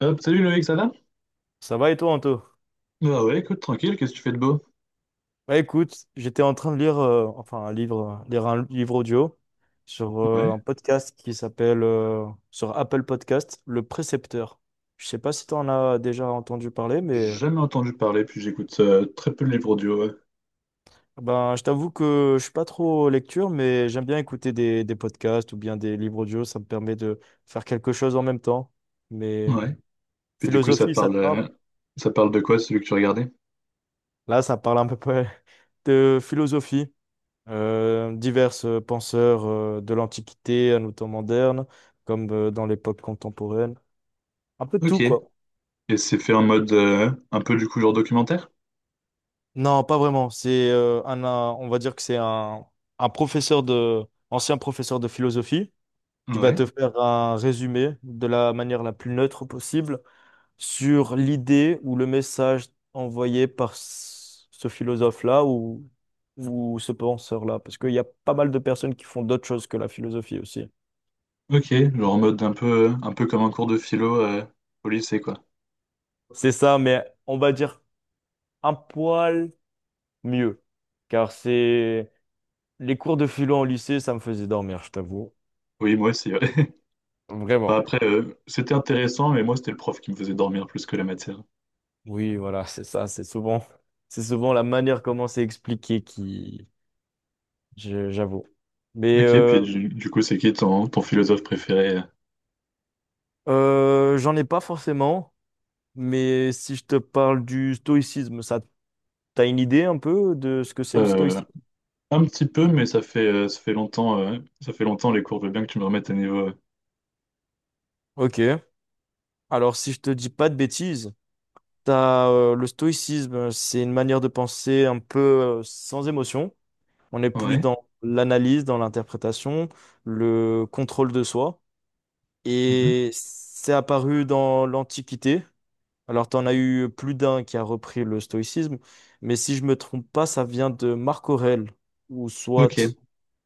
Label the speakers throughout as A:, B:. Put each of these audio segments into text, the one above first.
A: Hop, salut Loïc, ça va?
B: Ça va et toi, Anto?
A: Bah ouais, écoute, tranquille, qu'est-ce que tu fais de beau?
B: Écoute, j'étais en train de lire, enfin un livre, lire un livre audio sur
A: Ouais,
B: un podcast qui s'appelle, sur Apple Podcast, Le Précepteur. Je sais pas si tu en as déjà entendu parler, mais
A: jamais entendu parler, puis j'écoute très peu de livres audio, ouais.
B: je t'avoue que je suis pas trop lecture, mais j'aime bien écouter des podcasts ou bien des livres audio. Ça me permet de faire quelque chose en même temps. Mais
A: Ouais. Puis du coup,
B: philosophie, ça te parle?
A: ça parle de quoi, celui que tu regardais?
B: Là, ça parle un peu près de philosophie. Divers penseurs de l'Antiquité à nos temps modernes, comme dans l'époque contemporaine. Un peu de
A: Ok.
B: tout, quoi.
A: Et c'est fait en mode un peu du coup genre documentaire?
B: Non, pas vraiment. C'est on va dire que c'est un professeur ancien professeur de philosophie qui va
A: Ouais.
B: te faire un résumé de la manière la plus neutre possible sur l'idée ou le message envoyé par ce philosophe-là ou ce penseur-là. Parce qu'il y a pas mal de personnes qui font d'autres choses que la philosophie aussi.
A: Ok, genre en mode un peu comme un cours de philo au lycée, quoi.
B: C'est ça, mais on va dire un poil mieux. Car c'est les cours de philo au lycée, ça me faisait dormir, je t'avoue.
A: Oui, moi aussi, ouais. Enfin,
B: Vraiment.
A: après, c'était intéressant, mais moi, c'était le prof qui me faisait dormir plus que la matière.
B: Oui, voilà, c'est ça, c'est souvent la manière comment c'est expliqué qui, j'avoue. Mais
A: Ok,
B: euh,
A: puis du coup, c'est qui ton, ton philosophe préféré?
B: J'en ai pas forcément. Mais si je te parle du stoïcisme, ça, t'as une idée un peu de ce que c'est le
A: euh,
B: stoïcisme?
A: Un petit peu, mais ça fait longtemps les cours. Je veux bien que tu me remettes à niveau.
B: Ok. Alors si je te dis pas de bêtises, t'as le stoïcisme, c'est une manière de penser un peu sans émotion. On est plus
A: Ouais.
B: dans l'analyse, dans l'interprétation, le contrôle de soi.
A: Mhm.
B: Et c'est apparu dans l'Antiquité. Alors, tu en as eu plus d'un qui a repris le stoïcisme, mais si je me trompe pas, ça vient de Marc Aurèle, ou
A: Ok.
B: soit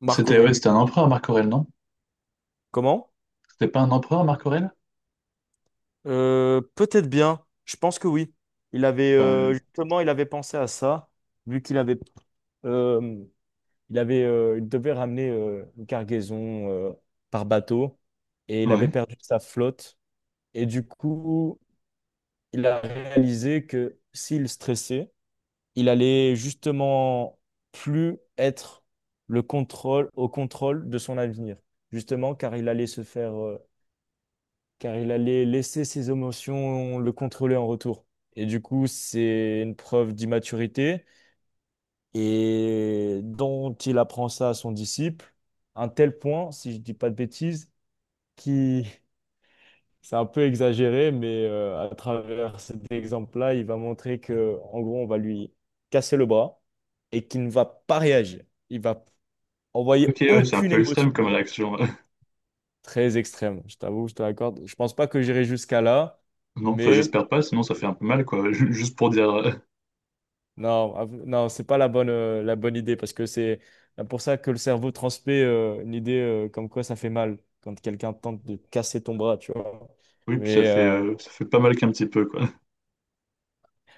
B: Marc
A: C'était ouais,
B: Aurèle.
A: c'était un empereur, Marc Aurèle, non?
B: Comment?
A: C'était pas un empereur, Marc Aurèle?
B: Peut-être bien, je pense que oui. Il avait
A: Euh,
B: justement, il avait pensé à ça, vu qu'il avait euh, il avait, il devait ramener une cargaison par bateau et il avait
A: ouais.
B: perdu sa flotte. Et du coup, il a réalisé que s'il stressait, il allait justement plus être le contrôle, au contrôle de son avenir. Justement, car il allait se faire, car il allait laisser ses émotions le contrôler en retour. Et du coup, c'est une preuve d'immaturité et dont il apprend ça à son disciple, à un tel point, si je dis pas de bêtises, qui c'est un peu exagéré, mais à travers cet exemple-là, il va montrer que, en gros, on va lui casser le bras et qu'il ne va pas réagir. Il va envoyer
A: Ok, ouais, c'est un
B: aucune
A: peu
B: émotion,
A: extrême comme
B: tu vois.
A: réaction.
B: Très extrême, je t'avoue, je te l'accorde. Je pense pas que j'irai jusqu'à là,
A: Non, enfin,
B: mais
A: j'espère pas, sinon ça fait un peu mal, quoi. Juste pour dire.
B: non, non, c'est pas la bonne, la bonne idée parce que c'est pour ça que le cerveau transmet une idée comme quoi ça fait mal quand quelqu'un tente de casser ton bras, tu vois.
A: Oui, puis
B: Mais, euh,
A: ça fait pas mal qu'un petit peu, quoi.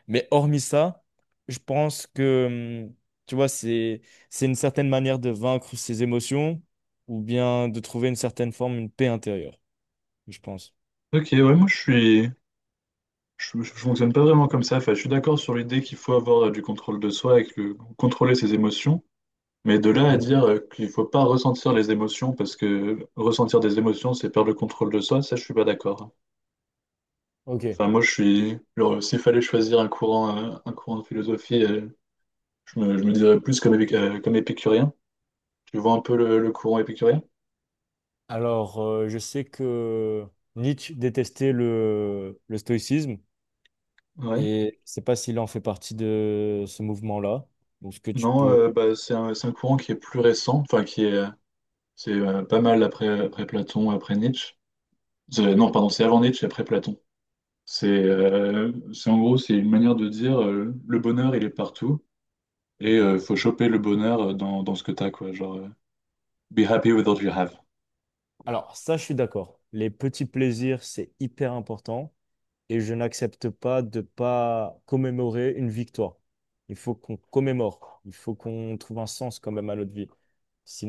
B: mais hormis ça, je pense que, tu vois, c'est une certaine manière de vaincre ses émotions ou bien de trouver une certaine forme, une paix intérieure, je pense.
A: Ok, ouais, moi je suis. Je fonctionne pas vraiment comme ça. Enfin, je suis d'accord sur l'idée qu'il faut avoir du contrôle de soi et que contrôler ses émotions. Mais de là à
B: Hmm.
A: dire qu'il faut pas ressentir les émotions, parce que ressentir des émotions, c'est perdre le contrôle de soi, ça, je suis pas d'accord.
B: Ok.
A: Enfin, moi, je suis. Genre, s'il fallait choisir un courant de philosophie, je me dirais plus comme, comme épicurien. Tu vois un peu le courant épicurien?
B: Alors, je sais que Nietzsche détestait le stoïcisme.
A: Ouais.
B: Et je sais pas s'il en fait partie de ce mouvement-là. Donc, ce que tu
A: Non,
B: peux.
A: bah, c'est un courant qui est plus récent, enfin, qui est, c'est pas mal après, après Platon, après Nietzsche.
B: Ouais,
A: Non, pardon, c'est avant Nietzsche, et après Platon. C'est en gros, c'est une manière de dire le bonheur, il est partout. Et
B: ok.
A: faut choper le bonheur dans, dans ce que t'as, quoi. Genre, be happy with what you have.
B: Alors, ça, je suis d'accord. Les petits plaisirs, c'est hyper important. Et je n'accepte pas de pas commémorer une victoire. Il faut qu'on commémore. Il faut qu'on trouve un sens quand même à notre vie.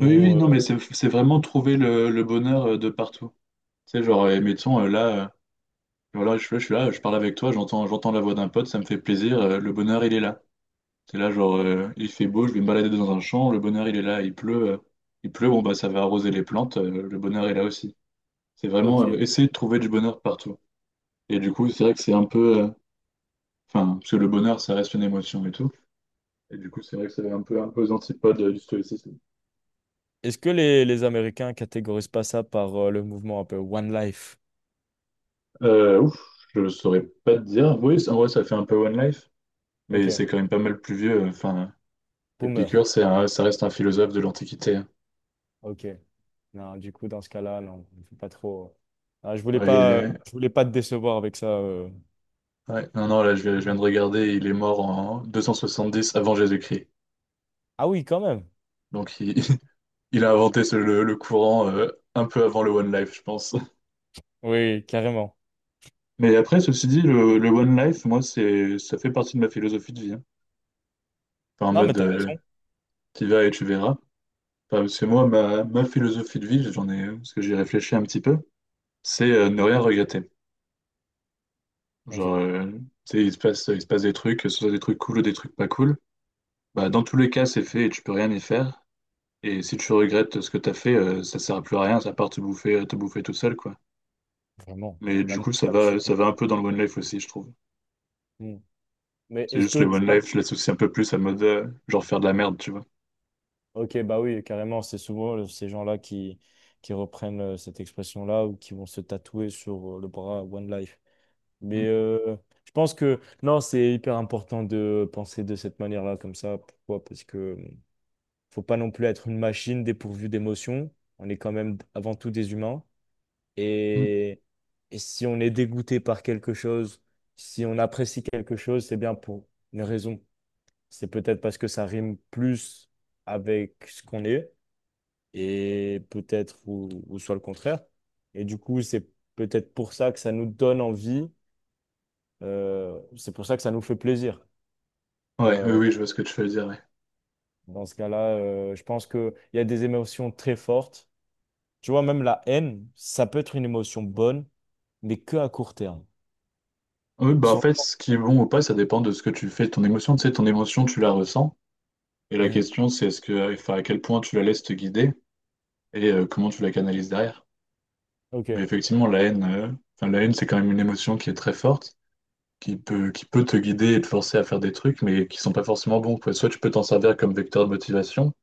A: Oui, oui,
B: euh,
A: non, mais c'est vraiment trouver le bonheur de partout. Tu sais, genre, mettons, là, voilà, je suis là, je parle avec toi, j'entends, j'entends la voix d'un pote, ça me fait plaisir, le bonheur, il est là. C'est là, genre, il fait beau, je vais me balader dans un champ, le bonheur, il est là, il pleut, bon, bah, ça va arroser les plantes, le bonheur est là aussi. C'est vraiment
B: ok.
A: essayer de trouver du bonheur partout. Et du coup, c'est vrai que c'est un peu, enfin, parce que le bonheur, ça reste une émotion et tout. Et du coup, c'est vrai que c'est un peu aux antipodes du stoïcisme.
B: Est-ce que les Américains catégorisent pas ça par le mouvement un peu One Life?
A: Ouf, je saurais pas te dire. Oui, en vrai, ça fait un peu One Life, mais
B: Ok,
A: c'est quand même pas mal plus vieux. Euh, enfin,
B: boomer.
A: Épicure, ça reste un philosophe de l'Antiquité, hein.
B: Ok. Non, du coup, dans ce cas-là, non, faut pas trop. Ah,
A: Ouais, il est-
B: je voulais pas te décevoir avec ça.
A: Ouais, non, non, là, je viens de regarder, il est mort en 270 avant Jésus-Christ.
B: Ah oui, quand même.
A: Donc, il, il a inventé le courant un peu avant le One Life, je pense.
B: Oui, carrément.
A: Mais après, ceci dit, le One Life, moi, c'est, ça fait partie de ma philosophie de vie, hein. Enfin, en
B: Non, mais
A: mode,
B: t'as raison.
A: t'y vas et tu verras. Enfin, parce que moi, ma philosophie de vie, j'en ai, parce que j'y réfléchis un petit peu, c'est ne rien regretter.
B: Ok,
A: Genre, tu sais, il se passe des trucs, que ce soit des trucs cool ou des trucs pas cool. Bah, dans tous les cas, c'est fait et tu peux rien y faire. Et si tu regrettes ce que t'as fait, ça sert à plus à rien, ça part te bouffer tout seul, quoi.
B: vraiment.
A: Mais
B: La
A: du coup,
B: nostalgie.
A: ça
B: Tout-
A: va un peu dans le One Life aussi, je trouve.
B: Hmm. Mais
A: C'est
B: est-ce
A: juste
B: que
A: le
B: tu
A: One
B: passes...
A: Life, je l'associe un peu plus à mode, genre faire de la merde, tu vois.
B: Ok, bah oui, carrément. C'est souvent ces gens-là qui reprennent cette expression-là ou qui vont se tatouer sur le bras One Life. Mais
A: Mm,
B: euh, je pense que non, c'est hyper important de penser de cette manière-là, comme ça. Pourquoi? Parce que faut pas non plus être une machine dépourvue d'émotions. On est quand même avant tout des humains.
A: mm.
B: Et, et si on est dégoûté par quelque chose, si on apprécie quelque chose, c'est bien pour une raison. C'est peut-être parce que ça rime plus avec ce qu'on est et peut-être ou soit le contraire. Et du coup, c'est peut-être pour ça que ça nous donne envie. C'est pour ça que ça nous fait plaisir.
A: Ouais, oui,
B: Euh,
A: oui, je vois ce que tu veux dire, ouais.
B: Dans ce cas-là, je pense qu'il y a des émotions très fortes. Tu vois, même la haine, ça peut être une émotion bonne, mais que à court terme.
A: Oui, bah en
B: Sur...
A: fait, ce qui est bon ou pas, ça dépend de ce que tu fais, de ton émotion. Tu sais, ton émotion, tu la ressens. Et la
B: Mm.
A: question, c'est est-ce que, enfin, à quel point tu la laisses te guider et comment tu la canalises derrière. Mais
B: Ok.
A: effectivement, la haine, enfin, la haine, c'est quand même une émotion qui est très forte, qui peut te guider et te forcer à faire des trucs, mais qui sont pas forcément bons, quoi. Soit tu peux t'en servir comme vecteur de motivation,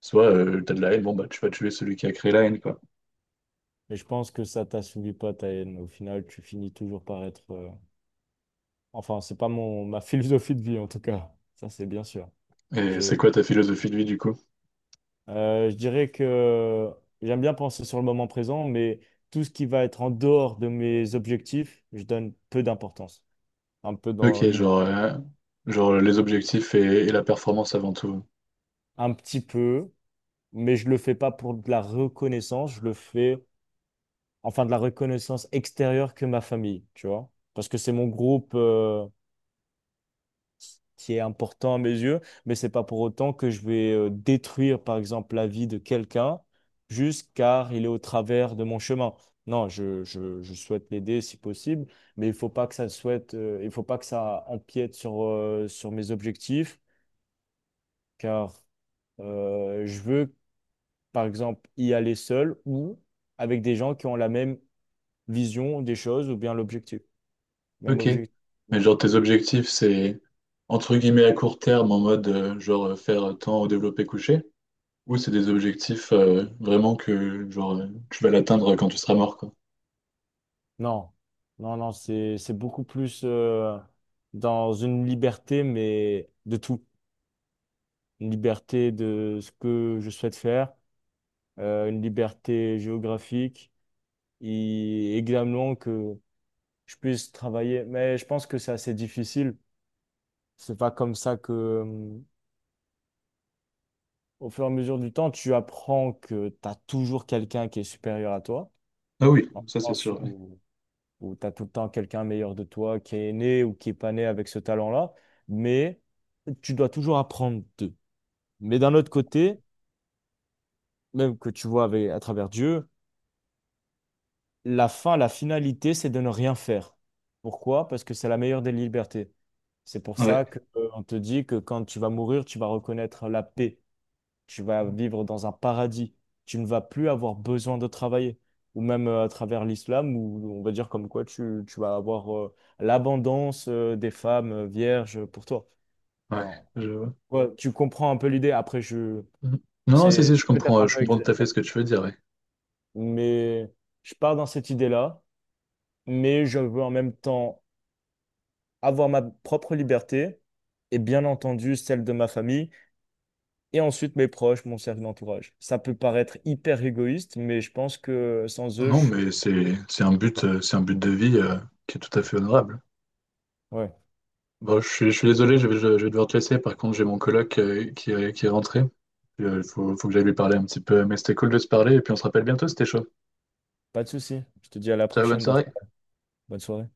A: soit tu t'as de la haine, bon bah tu vas tuer celui qui a créé la haine, quoi.
B: Mais je pense que ça t'assouvit pas ta haine. Au final, tu finis toujours par être. Enfin, c'est pas mon ma philosophie de vie en tout cas. Ça, c'est bien sûr.
A: Et c'est
B: Je,
A: quoi ta philosophie de vie du coup?
B: je dirais que j'aime bien penser sur le moment présent, mais tout ce qui va être en dehors de mes objectifs, je donne peu d'importance. Un peu dans
A: Ok, genre, genre les objectifs et la performance avant tout.
B: un petit peu, mais je le fais pas pour de la reconnaissance. Je le fais enfin de la reconnaissance extérieure que ma famille, tu vois. Parce que c'est mon groupe qui est important à mes yeux, mais c'est pas pour autant que je vais détruire, par exemple, la vie de quelqu'un juste car il est au travers de mon chemin. Non, je souhaite l'aider si possible, mais il faut pas que ça souhaite, il faut pas que ça empiète sur mes objectifs, car je veux, par exemple, y aller seul ou avec des gens qui ont la même vision des choses ou bien l'objectif. Même
A: Ok.
B: objectif.
A: Mais
B: Bon.
A: genre tes objectifs, c'est entre guillemets à court terme, en mode genre faire tant au développé couché, ou c'est des objectifs vraiment que genre tu vas l'atteindre quand tu seras mort, quoi.
B: Non, non, c'est beaucoup plus dans une liberté, mais de tout. Une liberté de ce que je souhaite faire, une liberté géographique, et également que je puisse travailler. Mais je pense que c'est assez difficile. C'est pas comme ça que, au fur et à mesure du temps, tu apprends que tu as toujours quelqu'un qui est supérieur à toi.
A: Ah oui,
B: En
A: ça c'est
B: France soi,
A: sûr. Ouais.
B: où tu as tout le temps quelqu'un meilleur de toi qui est né ou qui est pas né avec ce talent-là, mais tu dois toujours apprendre d'eux. Mais d'un autre côté, même que tu vois avec, à travers Dieu, la finalité, c'est de ne rien faire. Pourquoi? Parce que c'est la meilleure des libertés. C'est pour
A: Ouais,
B: ça que, on te dit que quand tu vas mourir, tu vas reconnaître la paix. Tu vas vivre dans un paradis, tu ne vas plus avoir besoin de travailler, ou même à travers l'islam, où on va dire comme quoi tu vas avoir l'abondance des femmes vierges pour toi.
A: ouais,
B: Enfin,
A: je vois.
B: ouais, tu comprends un peu l'idée, après je...
A: Mhm. Non, non, si, si,
B: C'est peut-être un
A: je
B: peu
A: comprends tout
B: exagéré,
A: à fait ce que tu veux dire, ouais.
B: mais je pars dans cette idée-là, mais je veux en même temps avoir ma propre liberté et bien entendu celle de ma famille et ensuite mes proches, mon cercle d'entourage. Ça peut paraître hyper égoïste, mais je pense que sans eux,
A: Non,
B: je...
A: mais c'est un but de vie qui est tout à fait honorable.
B: Ouais,
A: Bon, je suis désolé, je vais devoir te laisser. Par contre, j'ai mon coloc qui est rentré. Puis, il faut que j'aille lui parler un petit peu. Mais c'était cool de se parler et puis on se rappelle bientôt, c'était chaud.
B: pas de souci. Je te dis à la
A: Ciao, bonne
B: prochaine,
A: soirée.
B: Bertrand. Bonne soirée.